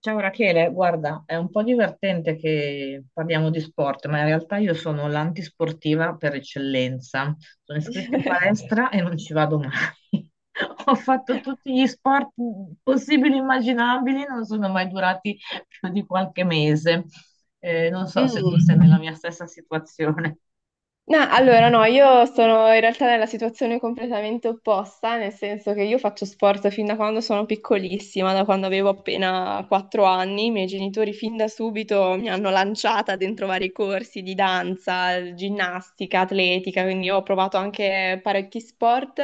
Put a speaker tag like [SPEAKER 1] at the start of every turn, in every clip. [SPEAKER 1] Ciao Rachele, guarda, è un po' divertente che parliamo di sport, ma in realtà io sono l'antisportiva per eccellenza. Sono iscritta in palestra e non ci vado mai. Ho fatto tutti gli sport possibili e immaginabili, non sono mai durati più di qualche mese. Non so se tu
[SPEAKER 2] Mm.
[SPEAKER 1] sei nella mia stessa situazione.
[SPEAKER 2] No, allora no, io sono in realtà nella situazione completamente opposta, nel senso che io faccio sport fin da quando sono piccolissima, da quando avevo appena 4 anni. I miei genitori fin da subito mi hanno lanciata dentro vari corsi di danza, ginnastica, atletica, quindi io ho provato anche parecchi sport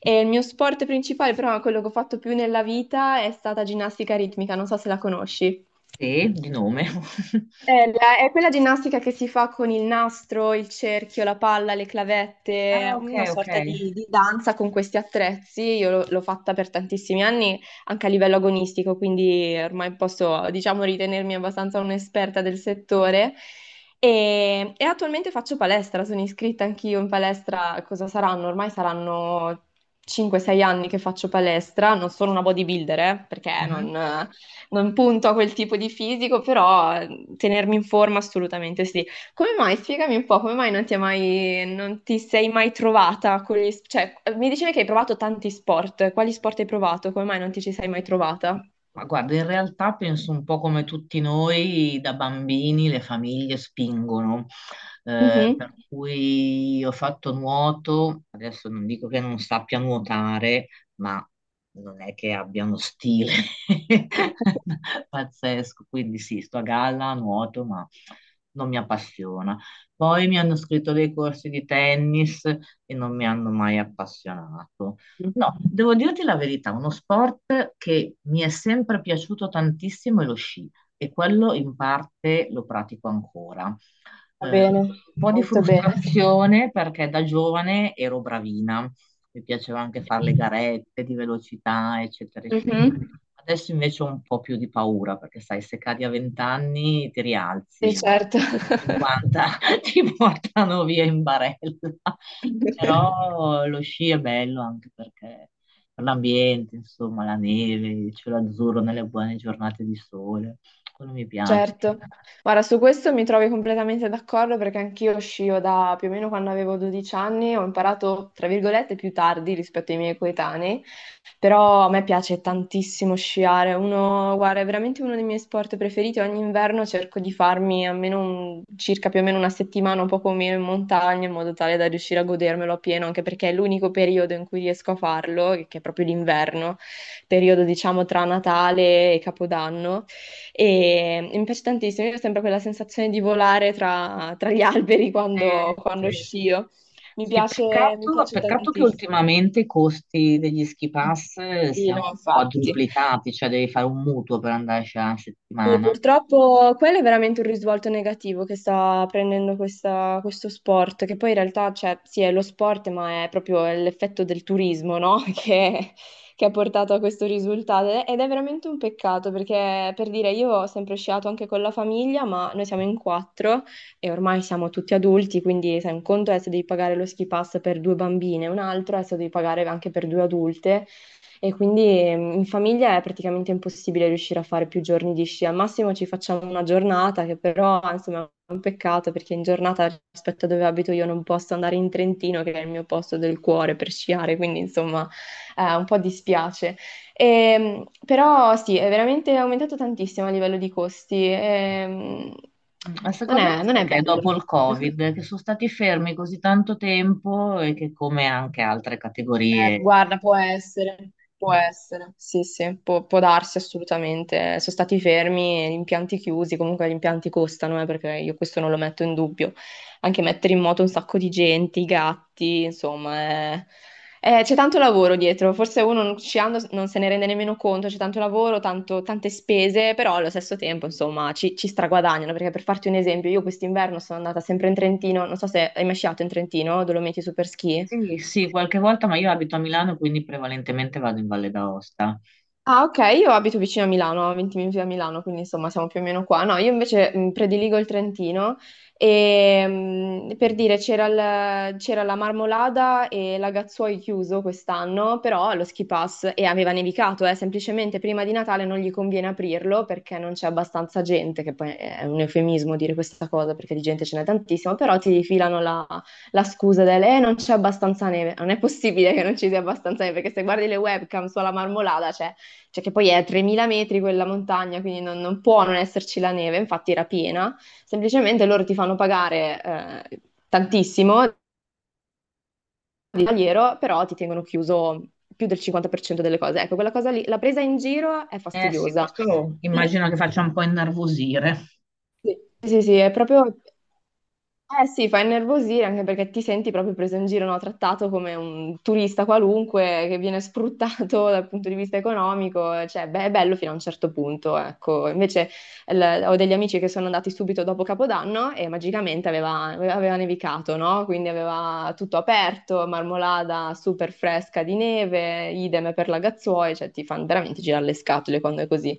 [SPEAKER 2] e il mio sport principale, però quello che ho fatto più nella vita è stata ginnastica ritmica, non so se la conosci.
[SPEAKER 1] Sì, di nome.
[SPEAKER 2] È quella ginnastica che si fa con il nastro, il cerchio, la palla, le
[SPEAKER 1] Ah,
[SPEAKER 2] clavette,
[SPEAKER 1] ok,
[SPEAKER 2] una
[SPEAKER 1] ok.
[SPEAKER 2] sorta di danza con questi attrezzi. Io l'ho fatta per tantissimi anni, anche a livello agonistico, quindi ormai posso, diciamo, ritenermi abbastanza un'esperta del settore. E attualmente faccio palestra, sono iscritta anch'io in palestra. Cosa saranno? Ormai saranno 5-6 anni che faccio palestra, non sono una bodybuilder, perché
[SPEAKER 1] Mhm.
[SPEAKER 2] non, non punto a quel tipo di fisico, però tenermi in forma assolutamente sì. Come mai? Spiegami un po', come mai non ti, è mai, non ti sei mai trovata con gli... Cioè, mi dicevi che hai provato tanti sport, quali sport hai provato? Come mai non ti ci sei mai trovata?
[SPEAKER 1] Ma guarda, in realtà penso un po' come tutti noi, da bambini le famiglie spingono,
[SPEAKER 2] Mhm.
[SPEAKER 1] per cui io ho fatto nuoto, adesso non dico che non sappia nuotare, ma non è che abbia uno stile pazzesco, quindi sì, sto a galla, nuoto, ma non mi appassiona. Poi mi hanno scritto dei corsi di tennis e non mi hanno mai appassionato. No, devo dirti la verità, uno sport che mi è sempre piaciuto tantissimo è lo sci e quello in parte lo pratico ancora.
[SPEAKER 2] Va bene,
[SPEAKER 1] Un po' di
[SPEAKER 2] molto bene.
[SPEAKER 1] frustrazione perché da giovane ero bravina, mi piaceva anche fare le garette di velocità, eccetera, eccetera.
[SPEAKER 2] Mhm.
[SPEAKER 1] Adesso invece ho un po' più di paura perché sai, se cadi a 20 anni ti
[SPEAKER 2] Sì,
[SPEAKER 1] rialzi,
[SPEAKER 2] certo.
[SPEAKER 1] a 50 ti portano via in barella. Però lo sci è bello anche perché per l'ambiente, insomma, la neve, il cielo azzurro nelle buone giornate di sole, quello mi piace.
[SPEAKER 2] Certo, guarda, su questo mi trovi completamente d'accordo perché anch'io scio da più o meno quando avevo 12 anni, ho imparato, tra virgolette, più tardi rispetto ai miei coetanei, però a me piace tantissimo sciare. Uno, guarda, è veramente uno dei miei sport preferiti, ogni inverno cerco di farmi almeno un- circa più o meno una settimana, un po' come in montagna, in modo tale da riuscire a godermelo appieno, anche perché è l'unico periodo in cui riesco a farlo, che è proprio l'inverno, periodo diciamo tra Natale e Capodanno. E mi piace tantissimo, io ho sempre quella sensazione di volare tra gli alberi quando
[SPEAKER 1] Sì.
[SPEAKER 2] scio.
[SPEAKER 1] Sì,
[SPEAKER 2] Mi
[SPEAKER 1] peccato,
[SPEAKER 2] piace
[SPEAKER 1] peccato che
[SPEAKER 2] tantissimo.
[SPEAKER 1] ultimamente i costi degli ski pass
[SPEAKER 2] Sì, no,
[SPEAKER 1] siano
[SPEAKER 2] infatti.
[SPEAKER 1] quadruplicati, cioè devi fare un mutuo per andarci a
[SPEAKER 2] Sì,
[SPEAKER 1] settimana.
[SPEAKER 2] purtroppo quello è veramente un risvolto negativo che sta prendendo questo sport, che poi in realtà, cioè, sì, è lo sport, ma è proprio l'effetto del turismo, no? Che ha portato a questo risultato. Ed è veramente un peccato, perché per dire, io ho sempre sciato anche con la famiglia, ma noi siamo in quattro e ormai siamo tutti adulti, quindi sai, un conto è se devi pagare lo ski pass per due bambine, un altro è se devi pagare anche per due adulte. E quindi in famiglia è praticamente impossibile riuscire a fare più giorni di sci. Al massimo ci facciamo una giornata, che però insomma è un peccato perché in giornata rispetto a dove abito io non posso andare in Trentino, che è il mio posto del cuore per sciare, quindi insomma un po' dispiace. Però sì, è veramente aumentato tantissimo a livello di costi.
[SPEAKER 1] Mm, ma
[SPEAKER 2] Non
[SPEAKER 1] secondo me
[SPEAKER 2] è non
[SPEAKER 1] sai
[SPEAKER 2] è
[SPEAKER 1] che è
[SPEAKER 2] bello.
[SPEAKER 1] dopo il Covid che sono stati fermi così tanto tempo e che come anche altre categorie.
[SPEAKER 2] Guarda, può
[SPEAKER 1] Mm.
[SPEAKER 2] essere, sì, sì, può, può darsi assolutamente. Sono stati fermi, gli impianti chiusi, comunque gli impianti costano, perché io questo non lo metto in dubbio. Anche mettere in moto un sacco di gente, i gatti, insomma, è- c'è tanto lavoro dietro, forse uno non- sciando non se ne rende nemmeno conto, c'è tanto lavoro, tanto- tante spese, però allo stesso tempo, insomma, ci straguadagnano, perché per farti un esempio, io quest'inverno sono andata sempre in Trentino, non so se hai mai sciato in Trentino, Dolomiti Superski.
[SPEAKER 1] Sì, sì, qualche volta, ma io abito a Milano, quindi prevalentemente vado in Valle d'Aosta.
[SPEAKER 2] Ah, ok, io abito vicino a Milano, a 20 minuti da Milano, quindi insomma siamo più o meno qua. No, io invece prediligo il Trentino e per dire c'era c'era la Marmolada e Lagazzuoi chiuso quest'anno, però lo ski pass e aveva nevicato, semplicemente prima di Natale non gli conviene aprirlo perché non c'è abbastanza gente, che poi è un eufemismo dire questa cosa perché di gente ce n'è tantissima, però ti filano la scusa del non c'è abbastanza neve, non è possibile che non ci sia abbastanza neve perché se guardi le webcam sulla Marmolada, cioè che poi è a 3000 metri quella montagna, quindi non può non esserci la neve, infatti era piena, semplicemente loro ti fanno pagare eh, tantissimo di tagliero, però ti tengono chiuso più del 50% delle cose. Ecco, quella cosa lì, la presa in giro è
[SPEAKER 1] Eh sì,
[SPEAKER 2] fastidiosa.
[SPEAKER 1] questo
[SPEAKER 2] Sì.
[SPEAKER 1] immagino che faccia un po' innervosire.
[SPEAKER 2] Sì, sì, sì, è proprio... Eh sì, fa innervosire anche perché ti senti proprio preso in giro, no? Trattato come un turista qualunque che viene sfruttato dal punto di vista economico, cioè beh, è bello fino a un certo punto, ecco. Invece ho degli amici che sono andati subito dopo Capodanno e magicamente aveva nevicato, no? Quindi aveva tutto aperto, marmolada super fresca di neve, idem per la Gazzuoi, cioè ti fanno veramente girare le scatole quando è così.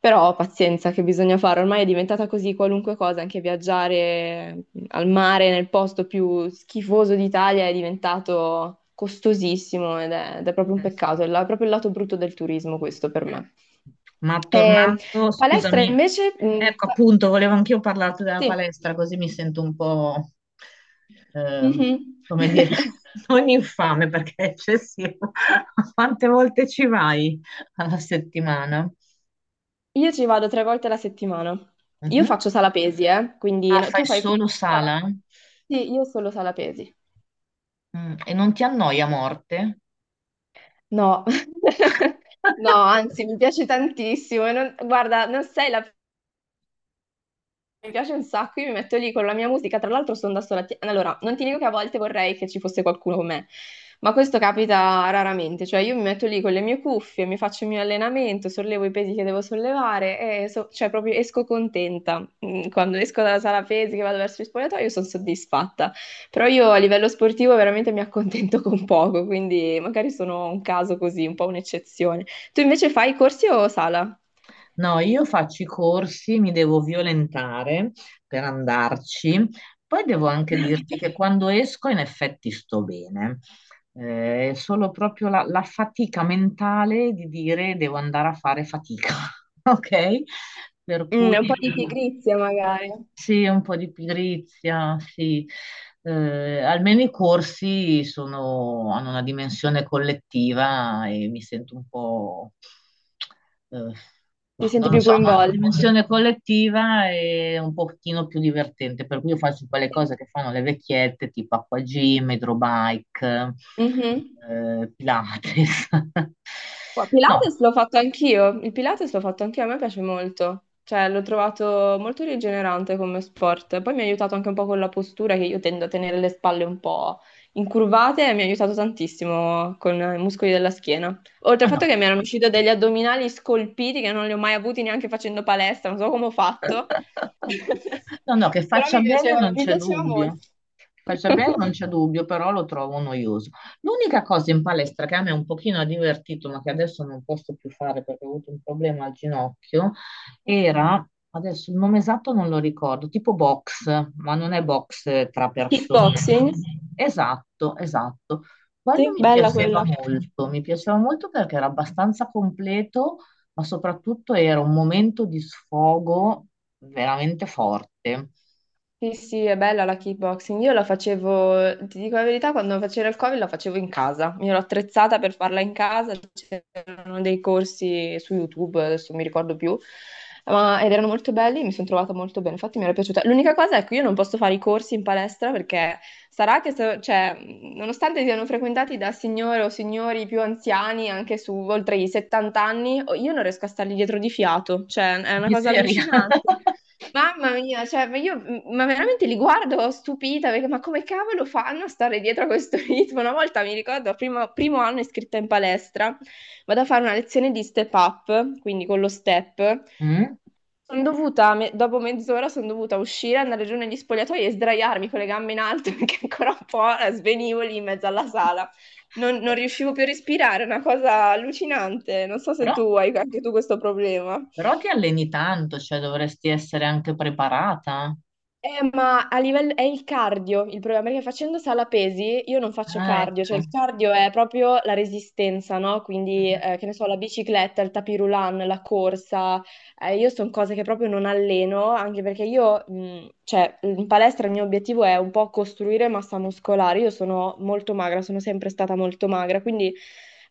[SPEAKER 2] Però pazienza che bisogna fare, ormai è diventata così qualunque cosa, anche viaggiare al mare nel posto più schifoso d'Italia è diventato costosissimo ed è proprio un
[SPEAKER 1] Eh sì.
[SPEAKER 2] peccato, proprio il lato brutto del turismo questo per me.
[SPEAKER 1] Ma
[SPEAKER 2] Eh,
[SPEAKER 1] tornando,
[SPEAKER 2] palestra
[SPEAKER 1] scusami,
[SPEAKER 2] invece, mm,
[SPEAKER 1] ecco
[SPEAKER 2] fa-
[SPEAKER 1] appunto, volevo anch'io parlarti della
[SPEAKER 2] sì,
[SPEAKER 1] palestra, così mi sento un po', eh,
[SPEAKER 2] mhm.
[SPEAKER 1] come dire, non infame perché è eccessivo. Quante volte ci vai alla settimana?
[SPEAKER 2] Io ci vado tre volte alla settimana. Io
[SPEAKER 1] Mhm.
[SPEAKER 2] faccio sala pesi, quindi
[SPEAKER 1] Ah,
[SPEAKER 2] no,
[SPEAKER 1] fai
[SPEAKER 2] tu fai
[SPEAKER 1] solo
[SPEAKER 2] sala-
[SPEAKER 1] sala?
[SPEAKER 2] Sì, io solo sala pesi.
[SPEAKER 1] Mm, e non ti annoia a morte?
[SPEAKER 2] No, no, anzi, mi piace tantissimo. Guarda, non sei la Mi piace un sacco, io mi metto lì con la mia musica, tra l'altro sono da sola. Allora, non ti dico che a volte vorrei che ci fosse qualcuno con me, ma questo capita raramente, cioè io mi metto lì con le mie cuffie, mi faccio il mio allenamento, sollevo i pesi che devo sollevare e cioè proprio esco contenta. Mm, quando esco dalla sala pesi che vado verso il spogliatoio sono soddisfatta, però io a livello sportivo veramente mi accontento con poco, quindi magari sono un caso così, un po' un'eccezione. Tu invece fai corsi o sala?
[SPEAKER 1] No, io faccio i corsi, mi devo violentare per andarci. Poi devo anche dirti che quando esco in effetti sto bene. È solo proprio la fatica mentale di dire devo andare a fare fatica, ok? Per
[SPEAKER 2] Mm,
[SPEAKER 1] cui...
[SPEAKER 2] un po' di pigrizia magari.
[SPEAKER 1] Sì, un po' di pigrizia, sì. Almeno i corsi hanno una dimensione collettiva e mi sento un po', eh,
[SPEAKER 2] Ti
[SPEAKER 1] boh,
[SPEAKER 2] senti
[SPEAKER 1] non lo
[SPEAKER 2] più
[SPEAKER 1] so, hanno una
[SPEAKER 2] coinvolto?
[SPEAKER 1] dimensione collettiva e un pochino più divertente, per cui io faccio quelle
[SPEAKER 2] Sì.
[SPEAKER 1] cose che fanno le vecchiette, tipo acquagym, hydrobike,
[SPEAKER 2] Mhm.
[SPEAKER 1] Pilates. No,
[SPEAKER 2] Pilates l'ho fatto anch'io, il Pilates l'ho fatto anch'io, a me piace molto, cioè l'ho trovato molto rigenerante come sport, poi mi ha aiutato anche un po' con la postura che io tendo a tenere le spalle un po' incurvate e mi ha aiutato tantissimo con i muscoli della schiena. Oltre al
[SPEAKER 1] no, no,
[SPEAKER 2] fatto che mi erano usciti degli addominali scolpiti che non li ho mai avuti neanche facendo palestra, non so come ho fatto,
[SPEAKER 1] No, che
[SPEAKER 2] però
[SPEAKER 1] faccia bene non
[SPEAKER 2] mi
[SPEAKER 1] c'è
[SPEAKER 2] piaceva
[SPEAKER 1] dubbio.
[SPEAKER 2] molto.
[SPEAKER 1] Faccia bene non c'è dubbio, però lo trovo noioso. L'unica cosa in palestra che a me un pochino ha divertito, ma che adesso non posso più fare perché ho avuto un problema al ginocchio, era, adesso il nome esatto non lo ricordo, tipo box, ma non è box tra persone.
[SPEAKER 2] Kickboxing?
[SPEAKER 1] Esatto, esatto. Quello
[SPEAKER 2] Sì, bella quella.
[SPEAKER 1] mi piaceva molto perché era abbastanza completo ma soprattutto era un momento di sfogo veramente forte.
[SPEAKER 2] Sì, sì, è bella la kickboxing. Io la facevo, ti dico la verità, quando facevo il Covid la facevo in casa. Mi ero attrezzata per farla in casa, c'erano dei corsi su YouTube, adesso non mi ricordo più, ma, ed erano molto belli, mi sono trovata molto bene, infatti mi era piaciuta. L'unica cosa è che io non posso fare i corsi in palestra perché sarà che, se- cioè, nonostante siano frequentati da signore o signori più anziani, anche su oltre i 70 anni, io non riesco a stargli dietro di fiato, cioè è una cosa
[SPEAKER 1] Miseria.
[SPEAKER 2] allucinante. Mamma mia, cioè, ma io ma veramente li guardo stupita perché ma come cavolo fanno a stare dietro a questo ritmo? Una volta mi ricordo, primo anno iscritta in palestra, vado a fare una lezione di step up, quindi con lo step.
[SPEAKER 1] Mm?
[SPEAKER 2] Sono dovuta, me- dopo mezz'ora sono dovuta uscire, andare giù negli spogliatoi e sdraiarmi con le gambe in alto perché ancora un po' svenivo lì in mezzo alla sala. Non
[SPEAKER 1] Eh,
[SPEAKER 2] riuscivo più a respirare, è una cosa allucinante. Non so se
[SPEAKER 1] Però,
[SPEAKER 2] tu hai anche tu questo problema.
[SPEAKER 1] però ti alleni tanto, cioè dovresti essere anche preparata.
[SPEAKER 2] Ma a livello è il cardio il problema, perché facendo sala pesi io non faccio
[SPEAKER 1] Ah,
[SPEAKER 2] cardio, cioè
[SPEAKER 1] ecco.
[SPEAKER 2] il cardio è proprio la resistenza, no? Quindi,
[SPEAKER 1] Mhm.
[SPEAKER 2] che ne so, la bicicletta, il tapis roulant, la corsa, io sono cose che proprio non alleno, anche perché io, cioè, in palestra il mio obiettivo è un po' costruire massa muscolare. Io sono molto magra, sono sempre stata molto magra, quindi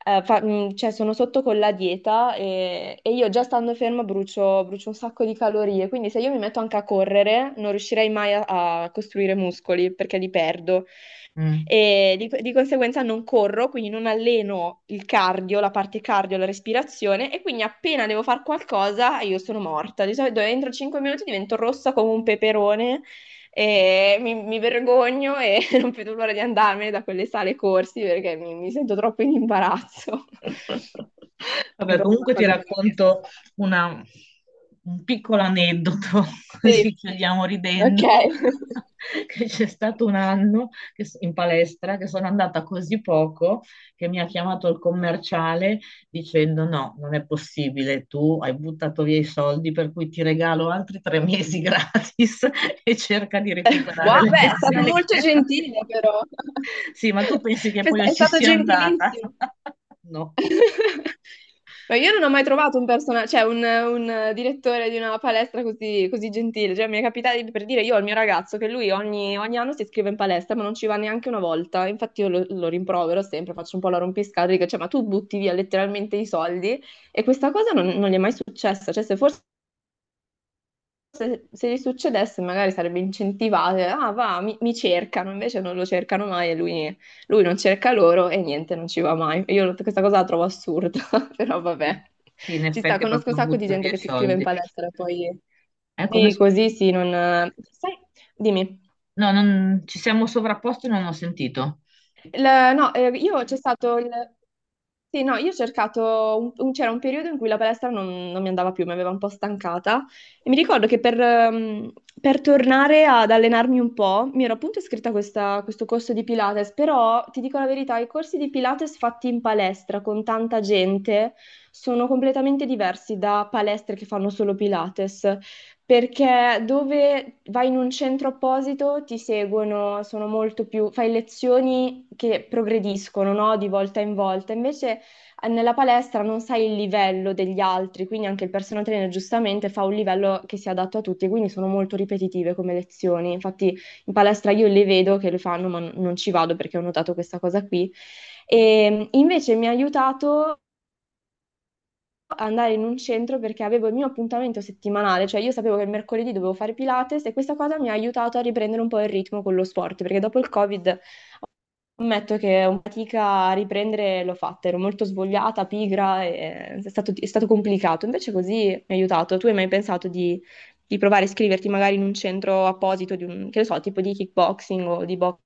[SPEAKER 2] cioè, sono sotto con la dieta e io già stando ferma brucio, brucio un sacco di calorie. Quindi se io mi metto anche a correre, non riuscirei mai a a costruire muscoli perché li perdo
[SPEAKER 1] Mm.
[SPEAKER 2] e di conseguenza non corro, quindi non alleno il cardio, la parte cardio, la respirazione e quindi appena devo fare qualcosa io sono morta. Di solito entro 5 minuti divento rossa come un peperone e mi vergogno e non vedo l'ora di andarmene da quelle sale corsi perché mi sento troppo in imbarazzo. È
[SPEAKER 1] Vabbè,
[SPEAKER 2] proprio una
[SPEAKER 1] comunque ti
[SPEAKER 2] cosa che non riesco a
[SPEAKER 1] racconto
[SPEAKER 2] fare.
[SPEAKER 1] una- un piccolo aneddoto,
[SPEAKER 2] Sì,
[SPEAKER 1] così chiudiamo
[SPEAKER 2] ok.
[SPEAKER 1] ridendo, che c'è stato un anno in palestra che sono andata così poco che mi ha chiamato il commerciale dicendo no, non è possibile, tu hai buttato via i soldi per cui ti regalo altri 3 mesi gratis e cerca di recuperare
[SPEAKER 2] Wow,
[SPEAKER 1] le
[SPEAKER 2] beh, è stato
[SPEAKER 1] pensioni
[SPEAKER 2] molto
[SPEAKER 1] che...
[SPEAKER 2] gentile però.
[SPEAKER 1] Sì, ma tu pensi che poi io
[SPEAKER 2] È
[SPEAKER 1] ci
[SPEAKER 2] stato
[SPEAKER 1] sia andata?
[SPEAKER 2] gentilissimo.
[SPEAKER 1] No,
[SPEAKER 2] Ma io non ho mai trovato un personaggio, cioè un, direttore di una palestra così, così gentile. Cioè, mi è capitato per dire io al mio ragazzo che lui ogni anno si iscrive in palestra, ma non ci va neanche una volta. Infatti, io lo rimprovero sempre, faccio un po' la rompiscatole, dico, cioè, ma tu butti via letteralmente i soldi. E questa cosa non gli è mai successa. Cioè, se forse se gli succedesse magari sarebbe incentivata, ah va, mi cercano, invece non lo cercano mai e lui non cerca loro e niente, non ci va mai. Io questa cosa la trovo assurda, però
[SPEAKER 1] sì.
[SPEAKER 2] vabbè.
[SPEAKER 1] Sì, in
[SPEAKER 2] Ci sta,
[SPEAKER 1] effetti è
[SPEAKER 2] conosco un
[SPEAKER 1] proprio
[SPEAKER 2] sacco di
[SPEAKER 1] butto
[SPEAKER 2] gente
[SPEAKER 1] via i
[SPEAKER 2] che si iscrive in
[SPEAKER 1] soldi.
[SPEAKER 2] palestra e poi...
[SPEAKER 1] È come...
[SPEAKER 2] Sì,
[SPEAKER 1] s-
[SPEAKER 2] così sì, non... Sai, dimmi.
[SPEAKER 1] No, non... ci siamo sovrapposti e non ho sentito.
[SPEAKER 2] No, io c'è stato il... Sì, no, io ho cercato, c'era un periodo in cui la palestra non mi andava più, mi aveva un po' stancata e mi ricordo che per tornare ad allenarmi un po' mi ero appunto iscritta a questo corso di Pilates, però ti dico la verità, i corsi di Pilates fatti in palestra con tanta gente sono completamente diversi da palestre che fanno solo Pilates perché dove vai in un centro apposito ti seguono, sono molto più, fai lezioni che progrediscono, no? Di volta in volta. Invece nella palestra non sai il livello degli altri, quindi anche il personal trainer giustamente fa un livello che sia adatto a tutti, quindi sono molto ripetitive come lezioni. Infatti in palestra io le vedo che le fanno, ma non ci vado perché ho notato questa cosa qui. E invece mi ha aiutato andare in un centro perché avevo il mio appuntamento settimanale, cioè io sapevo che il mercoledì dovevo fare Pilates e questa cosa mi ha aiutato a riprendere un po' il ritmo con lo sport, perché dopo il Covid ammetto che ho fatica a riprendere, l'ho fatta, ero molto svogliata, pigra, e è stato complicato, invece così mi ha aiutato. Tu hai mai pensato di provare a iscriverti magari in un centro apposito, di un, che ne so, tipo di kickboxing o di box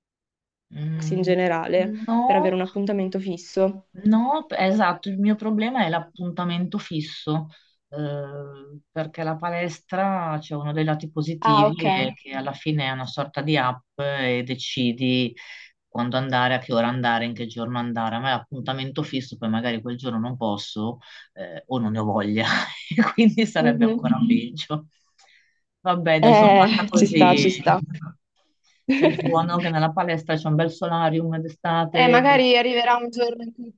[SPEAKER 2] in
[SPEAKER 1] Mm,
[SPEAKER 2] generale, per avere
[SPEAKER 1] no.
[SPEAKER 2] un appuntamento fisso?
[SPEAKER 1] Esatto, il mio problema è l'appuntamento fisso, perché la palestra c'è uno dei lati
[SPEAKER 2] Ah,
[SPEAKER 1] positivi
[SPEAKER 2] ok.
[SPEAKER 1] è che alla fine è una sorta di app e decidi quando andare, a che ora andare, in che giorno andare. A me l'appuntamento fisso, poi magari quel giorno non posso, o non ne ho voglia, e quindi sarebbe
[SPEAKER 2] Mhm.
[SPEAKER 1] ancora peggio. Vabbè, dai, sono fatta
[SPEAKER 2] Ci sta,
[SPEAKER 1] così.
[SPEAKER 2] ci sta.
[SPEAKER 1] C'è di buono che nella palestra c'è un bel solarium
[SPEAKER 2] Eh,
[SPEAKER 1] d'estate.
[SPEAKER 2] magari arriverà un giorno in cui,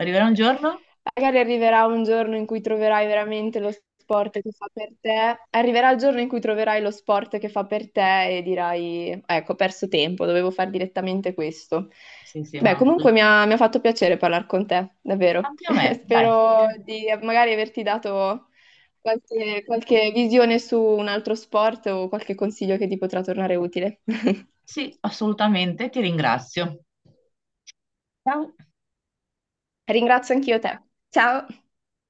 [SPEAKER 1] Arriverà un giorno?
[SPEAKER 2] magari arriverà un giorno in cui troverai veramente lo sport che fa per te. Arriverà il giorno in cui troverai lo sport che fa per te e dirai, ecco, ho perso tempo, dovevo fare direttamente questo.
[SPEAKER 1] Sì, sì,
[SPEAKER 2] Beh,
[SPEAKER 1] ma
[SPEAKER 2] comunque mi ha fatto piacere parlare con te, davvero.
[SPEAKER 1] anche a me, dai.
[SPEAKER 2] Spero di magari averti dato qualche visione su un altro sport o qualche consiglio che ti potrà tornare utile.
[SPEAKER 1] Sì, assolutamente, ti ringrazio. Ciao.
[SPEAKER 2] Ringrazio anch'io te. Ciao!